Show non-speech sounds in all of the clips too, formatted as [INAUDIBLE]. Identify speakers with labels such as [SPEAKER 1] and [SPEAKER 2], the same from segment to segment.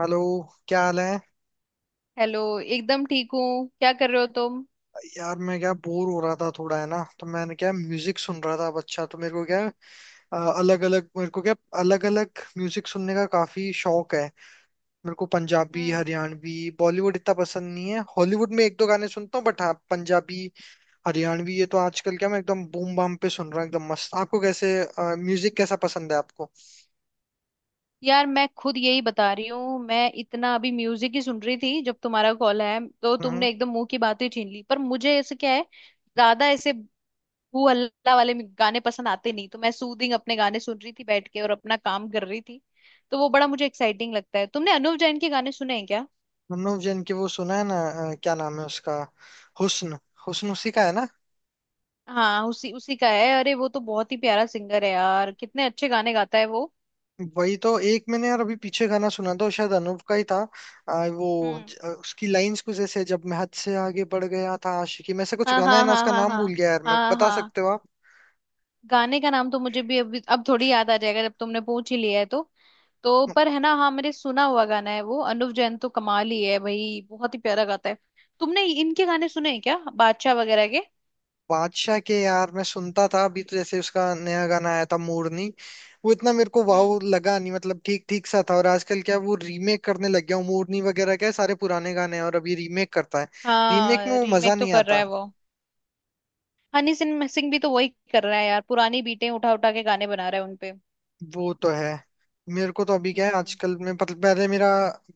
[SPEAKER 1] Hello. क्या हाल है?
[SPEAKER 2] हेलो। एकदम ठीक हूँ। क्या कर रहे हो तुम?
[SPEAKER 1] यार मैं क्या बोर हो रहा था थोड़ा है ना, तो मैंने क्या म्यूजिक सुन रहा था। अब अच्छा, तो मेरे को क्या अलग अलग मेरे को क्या अलग अलग म्यूजिक सुनने का काफी शौक है। मेरे को पंजाबी,
[SPEAKER 2] हम्म।
[SPEAKER 1] हरियाणवी, बॉलीवुड इतना पसंद नहीं है। हॉलीवुड में एक दो गाने सुनता हूँ, बट हाँ पंजाबी हरियाणवी ये तो आजकल क्या मैं एकदम बूम बाम पे सुन रहा हूँ। एकदम मस्त। आपको कैसे म्यूजिक कैसा पसंद है आपको?
[SPEAKER 2] यार, मैं खुद यही बता रही हूँ। मैं इतना अभी म्यूजिक ही सुन रही थी जब तुम्हारा कॉल आया, तो
[SPEAKER 1] हम्म।
[SPEAKER 2] तुमने एकदम मुंह की बात ही छीन ली। पर मुझे ऐसे क्या है, ज्यादा ऐसे हू हल्ला वाले गाने पसंद आते नहीं। तो मैं सूदिंग अपने गाने सुन रही थी बैठ के और अपना काम कर रही थी। तो वो बड़ा मुझे एक्साइटिंग लगता है। तुमने अनुव जैन के गाने सुने हैं क्या?
[SPEAKER 1] मनोज जैन की वो सुना है ना, क्या नाम है उसका? हुस्न। हुस्न उसी का है ना।
[SPEAKER 2] हाँ, उसी उसी का है। अरे, वो तो बहुत ही प्यारा सिंगर है यार। कितने अच्छे गाने गाता है वो।
[SPEAKER 1] वही तो, एक मैंने यार अभी पीछे गाना सुना था, वो शायद अनूप का ही था। वो
[SPEAKER 2] हम्म।
[SPEAKER 1] उसकी लाइंस कुछ ऐसे, जब मैं हद से आगे बढ़ गया था आशिकी में से, कुछ
[SPEAKER 2] हाँ,
[SPEAKER 1] गाना है
[SPEAKER 2] हाँ,
[SPEAKER 1] ना,
[SPEAKER 2] हाँ,
[SPEAKER 1] उसका
[SPEAKER 2] हाँ,
[SPEAKER 1] नाम
[SPEAKER 2] हाँ।
[SPEAKER 1] भूल गया यार मैं,
[SPEAKER 2] हाँ,
[SPEAKER 1] बता
[SPEAKER 2] हाँ।
[SPEAKER 1] सकते हो आप?
[SPEAKER 2] गाने का नाम तो मुझे भी अभी अब थोड़ी याद आ जाएगा, जब तुमने पूछ ही लिया है तो पर है ना। हाँ, मैंने सुना हुआ गाना है वो। अनुव जैन तो कमाल ही है भाई। बहुत ही प्यारा गाता है। तुमने इनके गाने सुने हैं क्या, बादशाह वगैरह के?
[SPEAKER 1] बादशाह के यार मैं सुनता था। अभी तो जैसे उसका नया गाना आया था मोरनी, वो इतना मेरे को
[SPEAKER 2] हम्म।
[SPEAKER 1] वाव लगा नहीं, मतलब ठीक ठीक सा था। और आजकल क्या वो रीमेक करने लग गया हूँ, मोरनी वगैरह क्या है, सारे पुराने गाने हैं और अभी रीमेक करता है। रीमेक में
[SPEAKER 2] हाँ,
[SPEAKER 1] वो मजा
[SPEAKER 2] रीमेक तो
[SPEAKER 1] नहीं
[SPEAKER 2] कर रहा
[SPEAKER 1] आता।
[SPEAKER 2] है वो। हनी सिंह सिंह भी तो वही कर रहा है यार। पुरानी बीटें उठा उठा के गाने बना रहा है उनपे।
[SPEAKER 1] वो तो है। मेरे को तो अभी क्या है,
[SPEAKER 2] हम्म।
[SPEAKER 1] आजकल में पहले मेरा,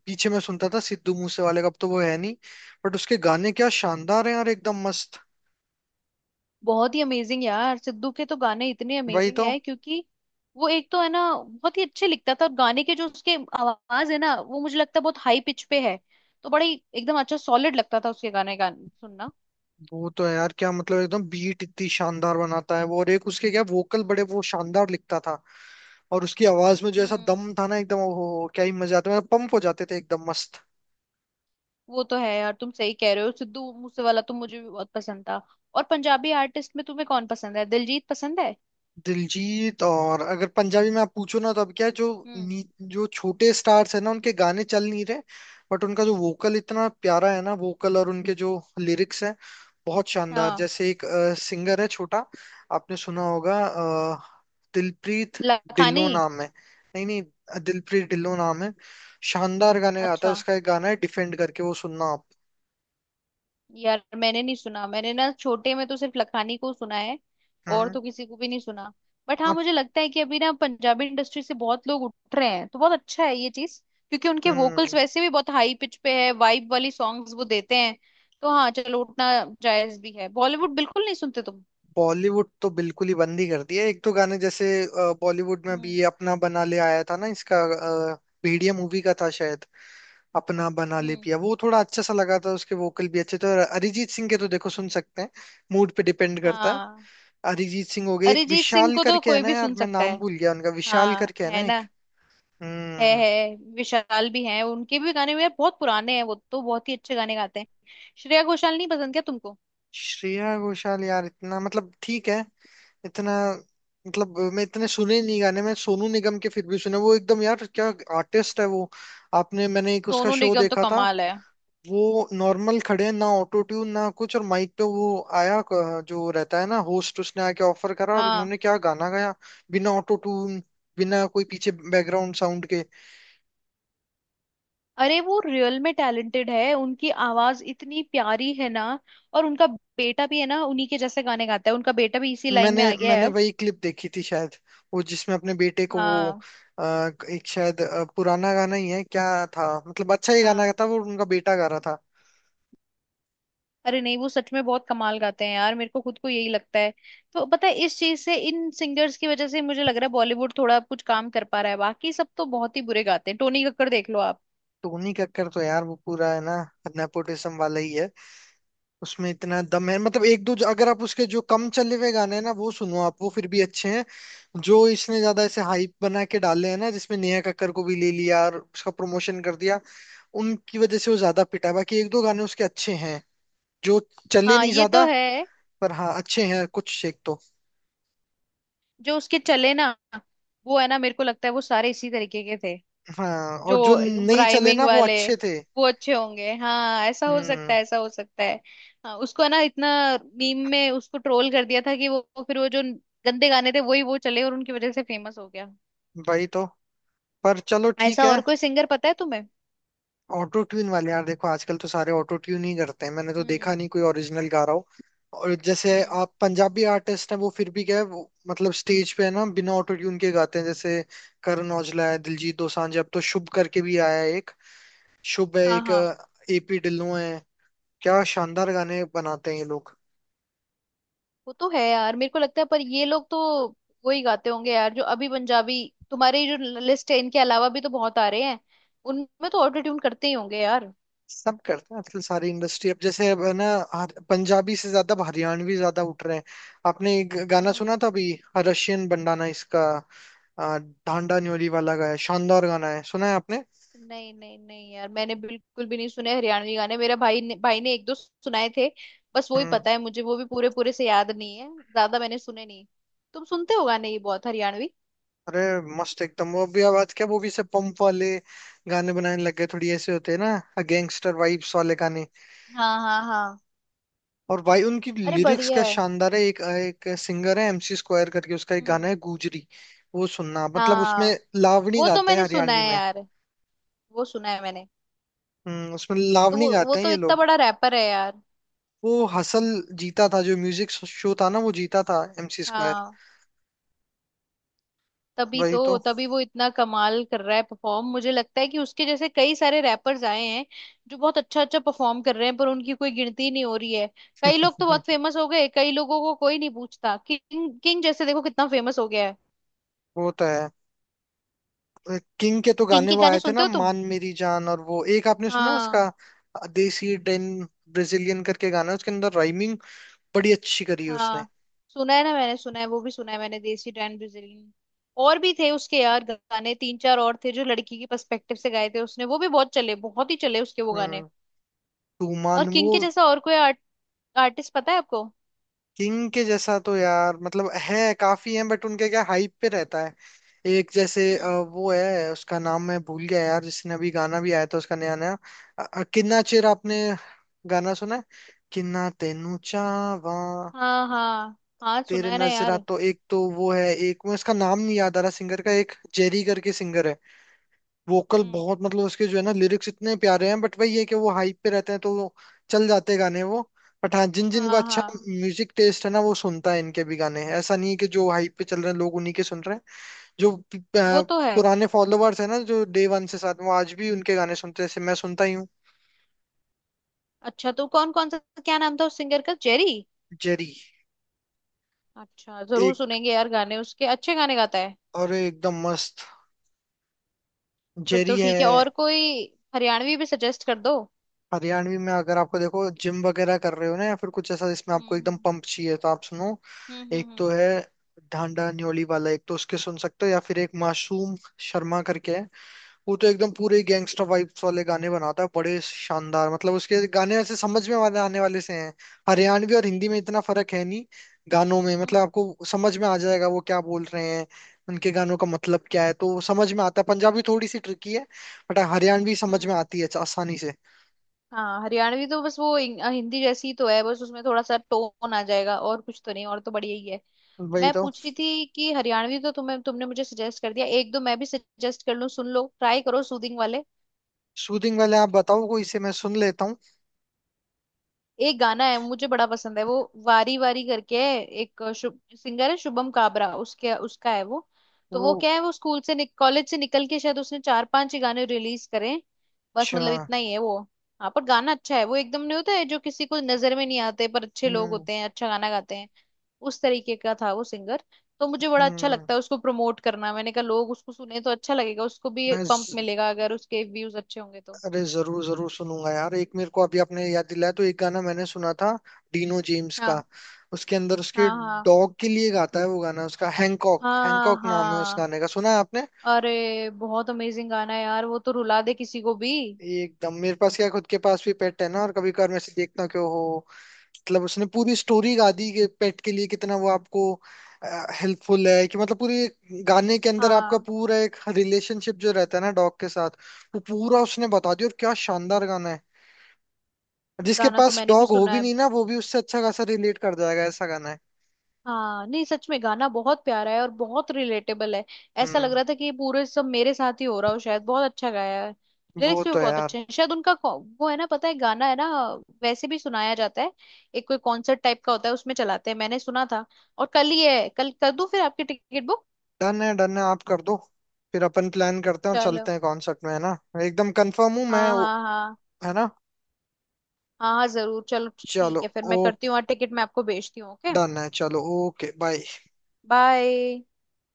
[SPEAKER 1] पीछे में सुनता था सिद्धू मूसे वाले का, अब तो वो है नहीं, बट उसके गाने क्या शानदार हैं यार, एकदम मस्त।
[SPEAKER 2] बहुत ही अमेजिंग यार। सिद्धू के तो गाने इतने
[SPEAKER 1] वही
[SPEAKER 2] अमेजिंग
[SPEAKER 1] तो।
[SPEAKER 2] है क्योंकि वो एक तो है ना बहुत ही अच्छे लिखता था। और गाने के जो उसके आवाज है ना, वो मुझे लगता है बहुत हाई पिच पे है। तो बड़ा ही एकदम अच्छा सॉलिड लगता था उसके गाने गान सुनना।
[SPEAKER 1] वो तो है यार क्या मतलब, एकदम बीट इतनी शानदार बनाता है वो, और एक उसके क्या वोकल बड़े, वो शानदार लिखता था। और उसकी आवाज में जो ऐसा
[SPEAKER 2] हम्म।
[SPEAKER 1] दम था ना, एकदम ओ हो, क्या ही मजा आता, मतलब पंप हो जाते थे एकदम मस्त।
[SPEAKER 2] वो तो है यार। तुम सही कह रहे हो। सिद्धू मूसे वाला तो मुझे भी बहुत पसंद था। और पंजाबी आर्टिस्ट में तुम्हें कौन पसंद है? दिलजीत पसंद है?
[SPEAKER 1] दिलजीत। और अगर पंजाबी में आप पूछो ना, तो अब क्या है जो
[SPEAKER 2] हम्म।
[SPEAKER 1] जो छोटे स्टार्स है ना, उनके गाने चल नहीं रहे, बट उनका जो वोकल इतना प्यारा है ना, वोकल और उनके जो लिरिक्स हैं, बहुत शानदार।
[SPEAKER 2] हाँ,
[SPEAKER 1] जैसे एक सिंगर है छोटा, आपने सुना होगा, दिलप्रीत
[SPEAKER 2] लखानी।
[SPEAKER 1] ढिल्लो नाम है। नहीं नहीं, दिलप्रीत ढिल्लो नाम है। शानदार गाने गाता है,
[SPEAKER 2] अच्छा।
[SPEAKER 1] उसका एक गाना है डिफेंड करके, वो सुनना आप।
[SPEAKER 2] यार मैंने नहीं सुना, मैंने ना छोटे में तो सिर्फ लखानी को सुना है और
[SPEAKER 1] हम्म।
[SPEAKER 2] तो किसी को भी नहीं सुना। बट हाँ,
[SPEAKER 1] आप-
[SPEAKER 2] मुझे लगता है कि अभी ना पंजाबी इंडस्ट्री से बहुत लोग उठ रहे हैं, तो बहुत अच्छा है ये चीज। क्योंकि उनके वोकल्स
[SPEAKER 1] हम्म।
[SPEAKER 2] वैसे भी बहुत हाई पिच पे है, वाइब वाली सॉन्ग्स वो देते हैं। तो हाँ, चलो उठना जायज भी है। बॉलीवुड बिल्कुल नहीं सुनते तुम?
[SPEAKER 1] बॉलीवुड तो बिल्कुल ही बंद ही कर दिया। एक तो गाने जैसे, बॉलीवुड में अभी
[SPEAKER 2] हम्म।
[SPEAKER 1] ये अपना बना ले आया था ना, इसका, अ, भेड़िया मूवी का था शायद, अपना बना ले
[SPEAKER 2] हम्म।
[SPEAKER 1] पिया, वो थोड़ा अच्छा सा लगा था, उसके वोकल भी अच्छे थे। और अरिजीत सिंह के तो देखो सुन सकते हैं, मूड पे डिपेंड करता है।
[SPEAKER 2] हाँ,
[SPEAKER 1] अरिजीत सिंह हो गए, एक
[SPEAKER 2] अरिजीत सिंह
[SPEAKER 1] विशाल
[SPEAKER 2] को तो
[SPEAKER 1] करके है
[SPEAKER 2] कोई
[SPEAKER 1] ना
[SPEAKER 2] भी
[SPEAKER 1] यार,
[SPEAKER 2] सुन
[SPEAKER 1] मैं
[SPEAKER 2] सकता
[SPEAKER 1] नाम
[SPEAKER 2] है।
[SPEAKER 1] भूल गया उनका, विशाल
[SPEAKER 2] हाँ,
[SPEAKER 1] करके है
[SPEAKER 2] है
[SPEAKER 1] ना
[SPEAKER 2] ना।
[SPEAKER 1] एक।
[SPEAKER 2] है
[SPEAKER 1] हम्म।
[SPEAKER 2] है विशाल भी हैं, उनके भी गाने यार बहुत पुराने हैं। वो तो बहुत ही अच्छे गाने गाते हैं। श्रेया घोषाल नहीं पसंद क्या तुमको?
[SPEAKER 1] श्रेया घोषाल यार इतना मतलब ठीक है, इतना, मतलब मैं इतने सुने नहीं गाने। मैं सोनू निगम के फिर भी सुने, वो एकदम यार क्या आर्टिस्ट है वो। आपने, मैंने एक उसका
[SPEAKER 2] सोनू
[SPEAKER 1] शो
[SPEAKER 2] निगम तो
[SPEAKER 1] देखा था,
[SPEAKER 2] कमाल है।
[SPEAKER 1] वो नॉर्मल खड़े हैं ना, ऑटो ट्यून ना कुछ, और माइक पे वो आया, जो रहता है ना होस्ट, उसने आके ऑफर करा, और
[SPEAKER 2] हाँ।
[SPEAKER 1] उन्होंने क्या गाना गाया, बिना ऑटो ट्यून, बिना कोई पीछे बैकग्राउंड साउंड के।
[SPEAKER 2] अरे, वो रियल में टैलेंटेड है, उनकी आवाज इतनी प्यारी है ना। और उनका बेटा भी है ना, उन्हीं के जैसे गाने गाता है। उनका बेटा भी इसी लाइन
[SPEAKER 1] मैंने
[SPEAKER 2] में आ गया है
[SPEAKER 1] मैंने
[SPEAKER 2] अब।
[SPEAKER 1] वही क्लिप देखी थी शायद, वो जिसमें अपने बेटे को वो,
[SPEAKER 2] हाँ,
[SPEAKER 1] अ, एक शायद पुराना गाना ही है क्या था, मतलब अच्छा ही गाना
[SPEAKER 2] हाँ।
[SPEAKER 1] था, वो उनका बेटा गा रहा था।
[SPEAKER 2] अरे नहीं, वो सच में बहुत कमाल गाते हैं यार। मेरे को खुद को यही लगता है। तो पता है, इस चीज से, इन सिंगर्स की वजह से मुझे लग रहा है बॉलीवुड थोड़ा कुछ काम कर पा रहा है। बाकी सब तो बहुत ही बुरे गाते हैं। टोनी कक्कड़ देख लो आप।
[SPEAKER 1] टोनी कक्कर तो यार वो पूरा है ना नेपोटिज्म वाला ही है। उसमें इतना दम है, मतलब एक दो, अगर आप उसके जो कम चले हुए गाने हैं ना, वो सुनो आप, वो फिर भी अच्छे हैं। जो इसने ज्यादा ऐसे हाइप बना के डाले हैं ना, जिसमें नेहा कक्कर को भी ले लिया और उसका प्रमोशन कर दिया, उनकी वजह से वो ज्यादा पिटा है। बाकी एक दो गाने उसके अच्छे हैं, जो चले
[SPEAKER 2] हाँ,
[SPEAKER 1] नहीं
[SPEAKER 2] ये तो
[SPEAKER 1] ज्यादा।
[SPEAKER 2] है।
[SPEAKER 1] पर हाँ, अच्छे हैं कुछ एक तो।
[SPEAKER 2] जो उसके चले ना, वो है ना, मेरे को लगता है वो सारे इसी तरीके के थे।
[SPEAKER 1] हाँ।
[SPEAKER 2] जो
[SPEAKER 1] और जो नहीं चले
[SPEAKER 2] राइमिंग
[SPEAKER 1] ना, वो
[SPEAKER 2] वाले।
[SPEAKER 1] अच्छे थे।
[SPEAKER 2] वो अच्छे होंगे। हाँ, ऐसा हो सकता
[SPEAKER 1] हम्म।
[SPEAKER 2] है, ऐसा हो सकता है। हाँ, उसको है ना इतना मीम में उसको ट्रोल कर दिया था कि वो फिर वो, जो गंदे गाने थे वही वो चले, और उनकी वजह से फेमस हो गया।
[SPEAKER 1] वही तो। पर चलो ठीक
[SPEAKER 2] ऐसा
[SPEAKER 1] है।
[SPEAKER 2] और कोई सिंगर पता है तुम्हें?
[SPEAKER 1] ऑटो ट्यून वाले यार, देखो आजकल तो सारे ऑटो ट्यून ही करते हैं, मैंने तो देखा
[SPEAKER 2] हम्म।
[SPEAKER 1] नहीं कोई ओरिजिनल गा रहा हो। और जैसे
[SPEAKER 2] हम्म।
[SPEAKER 1] आप पंजाबी आर्टिस्ट हैं, वो फिर भी क्या है वो, मतलब स्टेज पे है ना बिना ऑटो ट्यून के गाते हैं। जैसे करण औजला है, दिलजीत दोसांझ, अब तो शुभ करके भी आया है एक, शुभ है
[SPEAKER 2] हाँ,
[SPEAKER 1] एक,
[SPEAKER 2] हाँ।
[SPEAKER 1] एपी ढिल्लों है, क्या शानदार गाने बनाते हैं ये लोग।
[SPEAKER 2] वो तो है यार, मेरे को लगता है। पर ये लोग तो वही गाते होंगे यार जो अभी पंजाबी। तुम्हारी जो लिस्ट है इनके अलावा भी तो बहुत आ रहे हैं। उनमें तो ऑटो ट्यून करते ही होंगे यार।
[SPEAKER 1] सब करते हैं आजकल सारी इंडस्ट्री। अब जैसे अब है ना, पंजाबी से ज्यादा अब हरियाणवी ज्यादा उठ रहे हैं। आपने एक गाना
[SPEAKER 2] हम्म।
[SPEAKER 1] सुना था अभी, रशियन बंडाना, इसका आ, डांडा न्योली वाला गाया, शानदार गाना है, सुना है आपने?
[SPEAKER 2] नहीं, नहीं, नहीं यार, मैंने बिल्कुल भी नहीं सुने हरियाणवी गाने। मेरा भाई ने एक दो सुनाए थे। बस वो ही
[SPEAKER 1] हम्म।
[SPEAKER 2] पता है मुझे, वो भी पूरे पूरे से याद नहीं है। ज्यादा मैंने सुने नहीं। तुम सुनते हो गाने ये बहुत हरियाणवी?
[SPEAKER 1] अरे मस्त एकदम, वो भी आवाज क्या, वो भी से पंप वाले गाने बनाने लग गए, थोड़ी ऐसे होते हैं ना गैंगस्टर वाइब्स वाले गाने।
[SPEAKER 2] हाँ, हाँ, हाँ।
[SPEAKER 1] और भाई उनकी
[SPEAKER 2] अरे
[SPEAKER 1] लिरिक्स
[SPEAKER 2] बढ़िया
[SPEAKER 1] क्या
[SPEAKER 2] है।
[SPEAKER 1] शानदार है। एक एक सिंगर है एमसी स्क्वायर करके, उसका एक गाना
[SPEAKER 2] हम्म।
[SPEAKER 1] है गुजरी, वो सुनना, मतलब उसमें
[SPEAKER 2] हाँ,
[SPEAKER 1] लावणी
[SPEAKER 2] वो तो
[SPEAKER 1] गाते हैं
[SPEAKER 2] मैंने सुना
[SPEAKER 1] हरियाणवी
[SPEAKER 2] है
[SPEAKER 1] में।
[SPEAKER 2] यार। वो सुना है मैंने।
[SPEAKER 1] हम्म, उसमें
[SPEAKER 2] तो
[SPEAKER 1] लावणी
[SPEAKER 2] वो
[SPEAKER 1] गाते हैं
[SPEAKER 2] तो
[SPEAKER 1] ये
[SPEAKER 2] इतना
[SPEAKER 1] लोग।
[SPEAKER 2] बड़ा रैपर है यार।
[SPEAKER 1] वो हसल जीता था, जो म्यूजिक शो था ना वो जीता था एमसी स्क्वायर।
[SPEAKER 2] हाँ, तभी
[SPEAKER 1] वही तो।
[SPEAKER 2] तो, तभी वो इतना कमाल कर रहा है परफॉर्म। मुझे लगता है कि उसके जैसे कई सारे रैपर्स आए हैं जो बहुत अच्छा अच्छा परफॉर्म कर रहे हैं, पर उनकी कोई गिनती ही नहीं हो रही है। कई लोग तो बहुत
[SPEAKER 1] [LAUGHS]
[SPEAKER 2] फेमस हो गए, कई लोगों को कोई नहीं पूछता। किंग, किंग जैसे देखो कितना फेमस हो गया है।
[SPEAKER 1] वो तो है। किंग के तो
[SPEAKER 2] किंग
[SPEAKER 1] गाने
[SPEAKER 2] के
[SPEAKER 1] वो
[SPEAKER 2] गाने
[SPEAKER 1] आए थे
[SPEAKER 2] सुनते
[SPEAKER 1] ना
[SPEAKER 2] हो तुम?
[SPEAKER 1] मान मेरी जान, और वो एक आपने सुना उसका,
[SPEAKER 2] हाँ,
[SPEAKER 1] देसी डेन ब्राजीलियन करके गाना है, उसके अंदर राइमिंग बड़ी अच्छी करी है उसने।
[SPEAKER 2] हाँ। सुना है ना, मैंने सुना है। वो भी सुना है मैंने, देसी डैन ब्राजीलियन। और भी थे उसके यार गाने, तीन चार और थे, जो लड़की के पर्सपेक्टिव से गाए थे उसने। वो भी बहुत चले, बहुत ही चले उसके वो गाने।
[SPEAKER 1] हम्म।
[SPEAKER 2] और
[SPEAKER 1] तूमान
[SPEAKER 2] किंग
[SPEAKER 1] वो।
[SPEAKER 2] के जैसा और कोई आर्टिस्ट पता है आपको?
[SPEAKER 1] किंग के जैसा तो यार मतलब है काफी, है बट उनके क्या हाइप पे रहता है। एक जैसे
[SPEAKER 2] हम्म।
[SPEAKER 1] वो है, उसका नाम मैं भूल गया यार, जिसने अभी गाना भी आया था उसका नया नया, किन्ना चेर, आपने गाना सुना है? किन्ना तेनू चावा,
[SPEAKER 2] हाँ, हाँ, हाँ सुना
[SPEAKER 1] तेरे
[SPEAKER 2] है ना
[SPEAKER 1] नजरा।
[SPEAKER 2] यार।
[SPEAKER 1] तो एक तो वो है, एक मैं उसका नाम नहीं याद आ रहा सिंगर का, एक जेरी करके सिंगर है। वोकल
[SPEAKER 2] हम्म।
[SPEAKER 1] बहुत मतलब उसके, जो है ना लिरिक्स इतने प्यारे हैं, बट वही है कि वो हाइप पे रहते हैं तो वो चल जाते गाने वो। बट हाँ, जिन जिन को
[SPEAKER 2] हाँ,
[SPEAKER 1] अच्छा
[SPEAKER 2] हाँ।
[SPEAKER 1] म्यूजिक टेस्ट है ना, वो सुनता है इनके भी गाने। ऐसा नहीं है कि जो हाइप पे चल रहे हैं लोग उन्हीं के सुन रहे हैं। जो प- अ,
[SPEAKER 2] वो तो है।
[SPEAKER 1] पुराने फॉलोअर्स है ना जो डे वन से साथ, वो आज भी उनके गाने सुनते हैं, जैसे मैं सुनता ही हूँ।
[SPEAKER 2] अच्छा, तो कौन कौन सा? क्या नाम था उस सिंगर का, जेरी?
[SPEAKER 1] जेरी।
[SPEAKER 2] अच्छा, जरूर
[SPEAKER 1] एक
[SPEAKER 2] सुनेंगे यार गाने उसके, अच्छे गाने गाता है।
[SPEAKER 1] और एकदम मस्त
[SPEAKER 2] फिर
[SPEAKER 1] जेरी
[SPEAKER 2] तो
[SPEAKER 1] है।
[SPEAKER 2] ठीक है। और कोई हरियाणवी भी सजेस्ट कर दो।
[SPEAKER 1] हरियाणवी में अगर आपको, देखो जिम वगैरह कर रहे हो ना, या फिर कुछ ऐसा जिसमें आपको एकदम
[SPEAKER 2] हम्म।
[SPEAKER 1] पंप चाहिए, तो आप सुनो,
[SPEAKER 2] हम्म। हम्म।
[SPEAKER 1] एक
[SPEAKER 2] हम्म।
[SPEAKER 1] तो
[SPEAKER 2] हम्म।
[SPEAKER 1] है ढांडा न्योली वाला, एक तो उसके सुन सकते हो, या फिर एक मासूम शर्मा करके है, वो तो एकदम पूरे गैंगस्टर वाइब्स वाले गाने बनाता है, बड़े शानदार। मतलब उसके गाने ऐसे समझ में वाले आने वाले से हैं। हरियाणवी और हिंदी में इतना फर्क है नहीं गानों में, मतलब
[SPEAKER 2] हम्म,
[SPEAKER 1] आपको समझ में आ जाएगा वो क्या बोल रहे हैं, उनके गानों का मतलब क्या है, तो वो समझ में आता है। पंजाबी थोड़ी सी ट्रिकी है, बट हरियाणवी समझ में
[SPEAKER 2] हम्म।
[SPEAKER 1] आती है आसानी से।
[SPEAKER 2] हाँ, हरियाणवी तो बस वो हिंदी जैसी तो है। बस उसमें थोड़ा सा टोन आ जाएगा और कुछ तो नहीं। और तो बढ़िया ही है।
[SPEAKER 1] वही
[SPEAKER 2] मैं
[SPEAKER 1] तो।
[SPEAKER 2] पूछ रही थी कि हरियाणवी तो तुम्हें, तुमने मुझे सजेस्ट कर दिया। एक दो मैं भी सजेस्ट कर लूं, सुन लो, ट्राई करो सूदिंग वाले।
[SPEAKER 1] सूदिंग वाले आप बताओ, कोई से मैं सुन लेता हूँ।
[SPEAKER 2] एक गाना है, मुझे बड़ा पसंद है वो, वारी वारी करके है, एक सिंगर है शुभम काबरा, उसके उसका है वो। तो वो
[SPEAKER 1] वो
[SPEAKER 2] क्या है, वो स्कूल से, कॉलेज से निकल के शायद उसने चार पांच ही गाने रिलीज करें। बस
[SPEAKER 1] अच्छा।
[SPEAKER 2] मतलब इतना ही है वो। हाँ, पर गाना अच्छा है वो एकदम। नहीं होता है जो किसी को नजर में नहीं आते पर अच्छे लोग
[SPEAKER 1] हम्म।
[SPEAKER 2] होते हैं, अच्छा गाना गाते हैं। उस तरीके का था वो सिंगर। तो मुझे बड़ा अच्छा
[SPEAKER 1] हम्म।
[SPEAKER 2] लगता है उसको प्रमोट करना। मैंने कहा, लोग उसको सुने तो अच्छा लगेगा, उसको भी
[SPEAKER 1] मैं
[SPEAKER 2] पंप
[SPEAKER 1] ज,
[SPEAKER 2] मिलेगा अगर उसके व्यूज अच्छे होंगे तो।
[SPEAKER 1] अरे जरूर जरूर सुनूंगा यार, एक मेरे को अभी आपने याद दिलाया, तो एक गाना मैंने सुना था डीनो जेम्स का,
[SPEAKER 2] हाँ,
[SPEAKER 1] उसके अंदर उसके
[SPEAKER 2] हाँ, हाँ,
[SPEAKER 1] डॉग के लिए गाता है वो गाना उसका, हैंकॉक,
[SPEAKER 2] हाँ,
[SPEAKER 1] हैंकॉक नाम है उस
[SPEAKER 2] हाँ।
[SPEAKER 1] गाने का, सुना है आपने?
[SPEAKER 2] अरे बहुत अमेजिंग गाना है यार, वो तो रुला दे किसी को भी।
[SPEAKER 1] एकदम, मेरे पास क्या खुद के पास भी पेट है ना, और कभी कभार मैं से देखता क्यों हो, मतलब उसने पूरी स्टोरी गा दी कि पेट के लिए कितना वो आपको हेल्पफुल है, कि मतलब पूरी गाने के अंदर आपका
[SPEAKER 2] हाँ,
[SPEAKER 1] पूरा एक रिलेशनशिप जो रहता है ना डॉग के साथ, वो पूरा उसने बता दिया, और क्या शानदार गाना है। जिसके
[SPEAKER 2] गाना तो
[SPEAKER 1] पास
[SPEAKER 2] मैंने भी
[SPEAKER 1] डॉग हो
[SPEAKER 2] सुना
[SPEAKER 1] भी
[SPEAKER 2] है।
[SPEAKER 1] नहीं ना, वो भी उससे अच्छा खासा रिलेट कर जाएगा, ऐसा गाना है।
[SPEAKER 2] हाँ, नहीं सच में, गाना बहुत प्यारा है और बहुत रिलेटेबल है। ऐसा लग
[SPEAKER 1] हम्म।
[SPEAKER 2] रहा था कि ये पूरे सब मेरे साथ ही हो रहा हो शायद। बहुत अच्छा गाया है।
[SPEAKER 1] वो
[SPEAKER 2] लिरिक्स भी
[SPEAKER 1] तो है
[SPEAKER 2] बहुत
[SPEAKER 1] यार।
[SPEAKER 2] अच्छे हैं शायद, उनका को- वो है ना, पता है, गाना है ना वैसे भी सुनाया जाता है। एक कोई कॉन्सर्ट टाइप का होता है उसमें चलाते हैं, मैंने सुना था। और कल ही है, कल कर दूं फिर आपकी टिकट बुक।
[SPEAKER 1] डन है डन है, आप कर दो, फिर अपन प्लान करते हैं और
[SPEAKER 2] चलो।
[SPEAKER 1] चलते हैं कॉन्सर्ट में, है ना? एकदम कंफर्म हूँ मैं।
[SPEAKER 2] हाँ, हाँ, हाँ,
[SPEAKER 1] है ना।
[SPEAKER 2] हाँ, हाँ जरूर। चलो।
[SPEAKER 1] चलो।
[SPEAKER 2] ठीक है, फिर मैं
[SPEAKER 1] ओ,
[SPEAKER 2] करती हूँ और टिकट मैं आपको भेजती हूँ, ओके,
[SPEAKER 1] डन है, चलो। Okay bye.
[SPEAKER 2] बाय।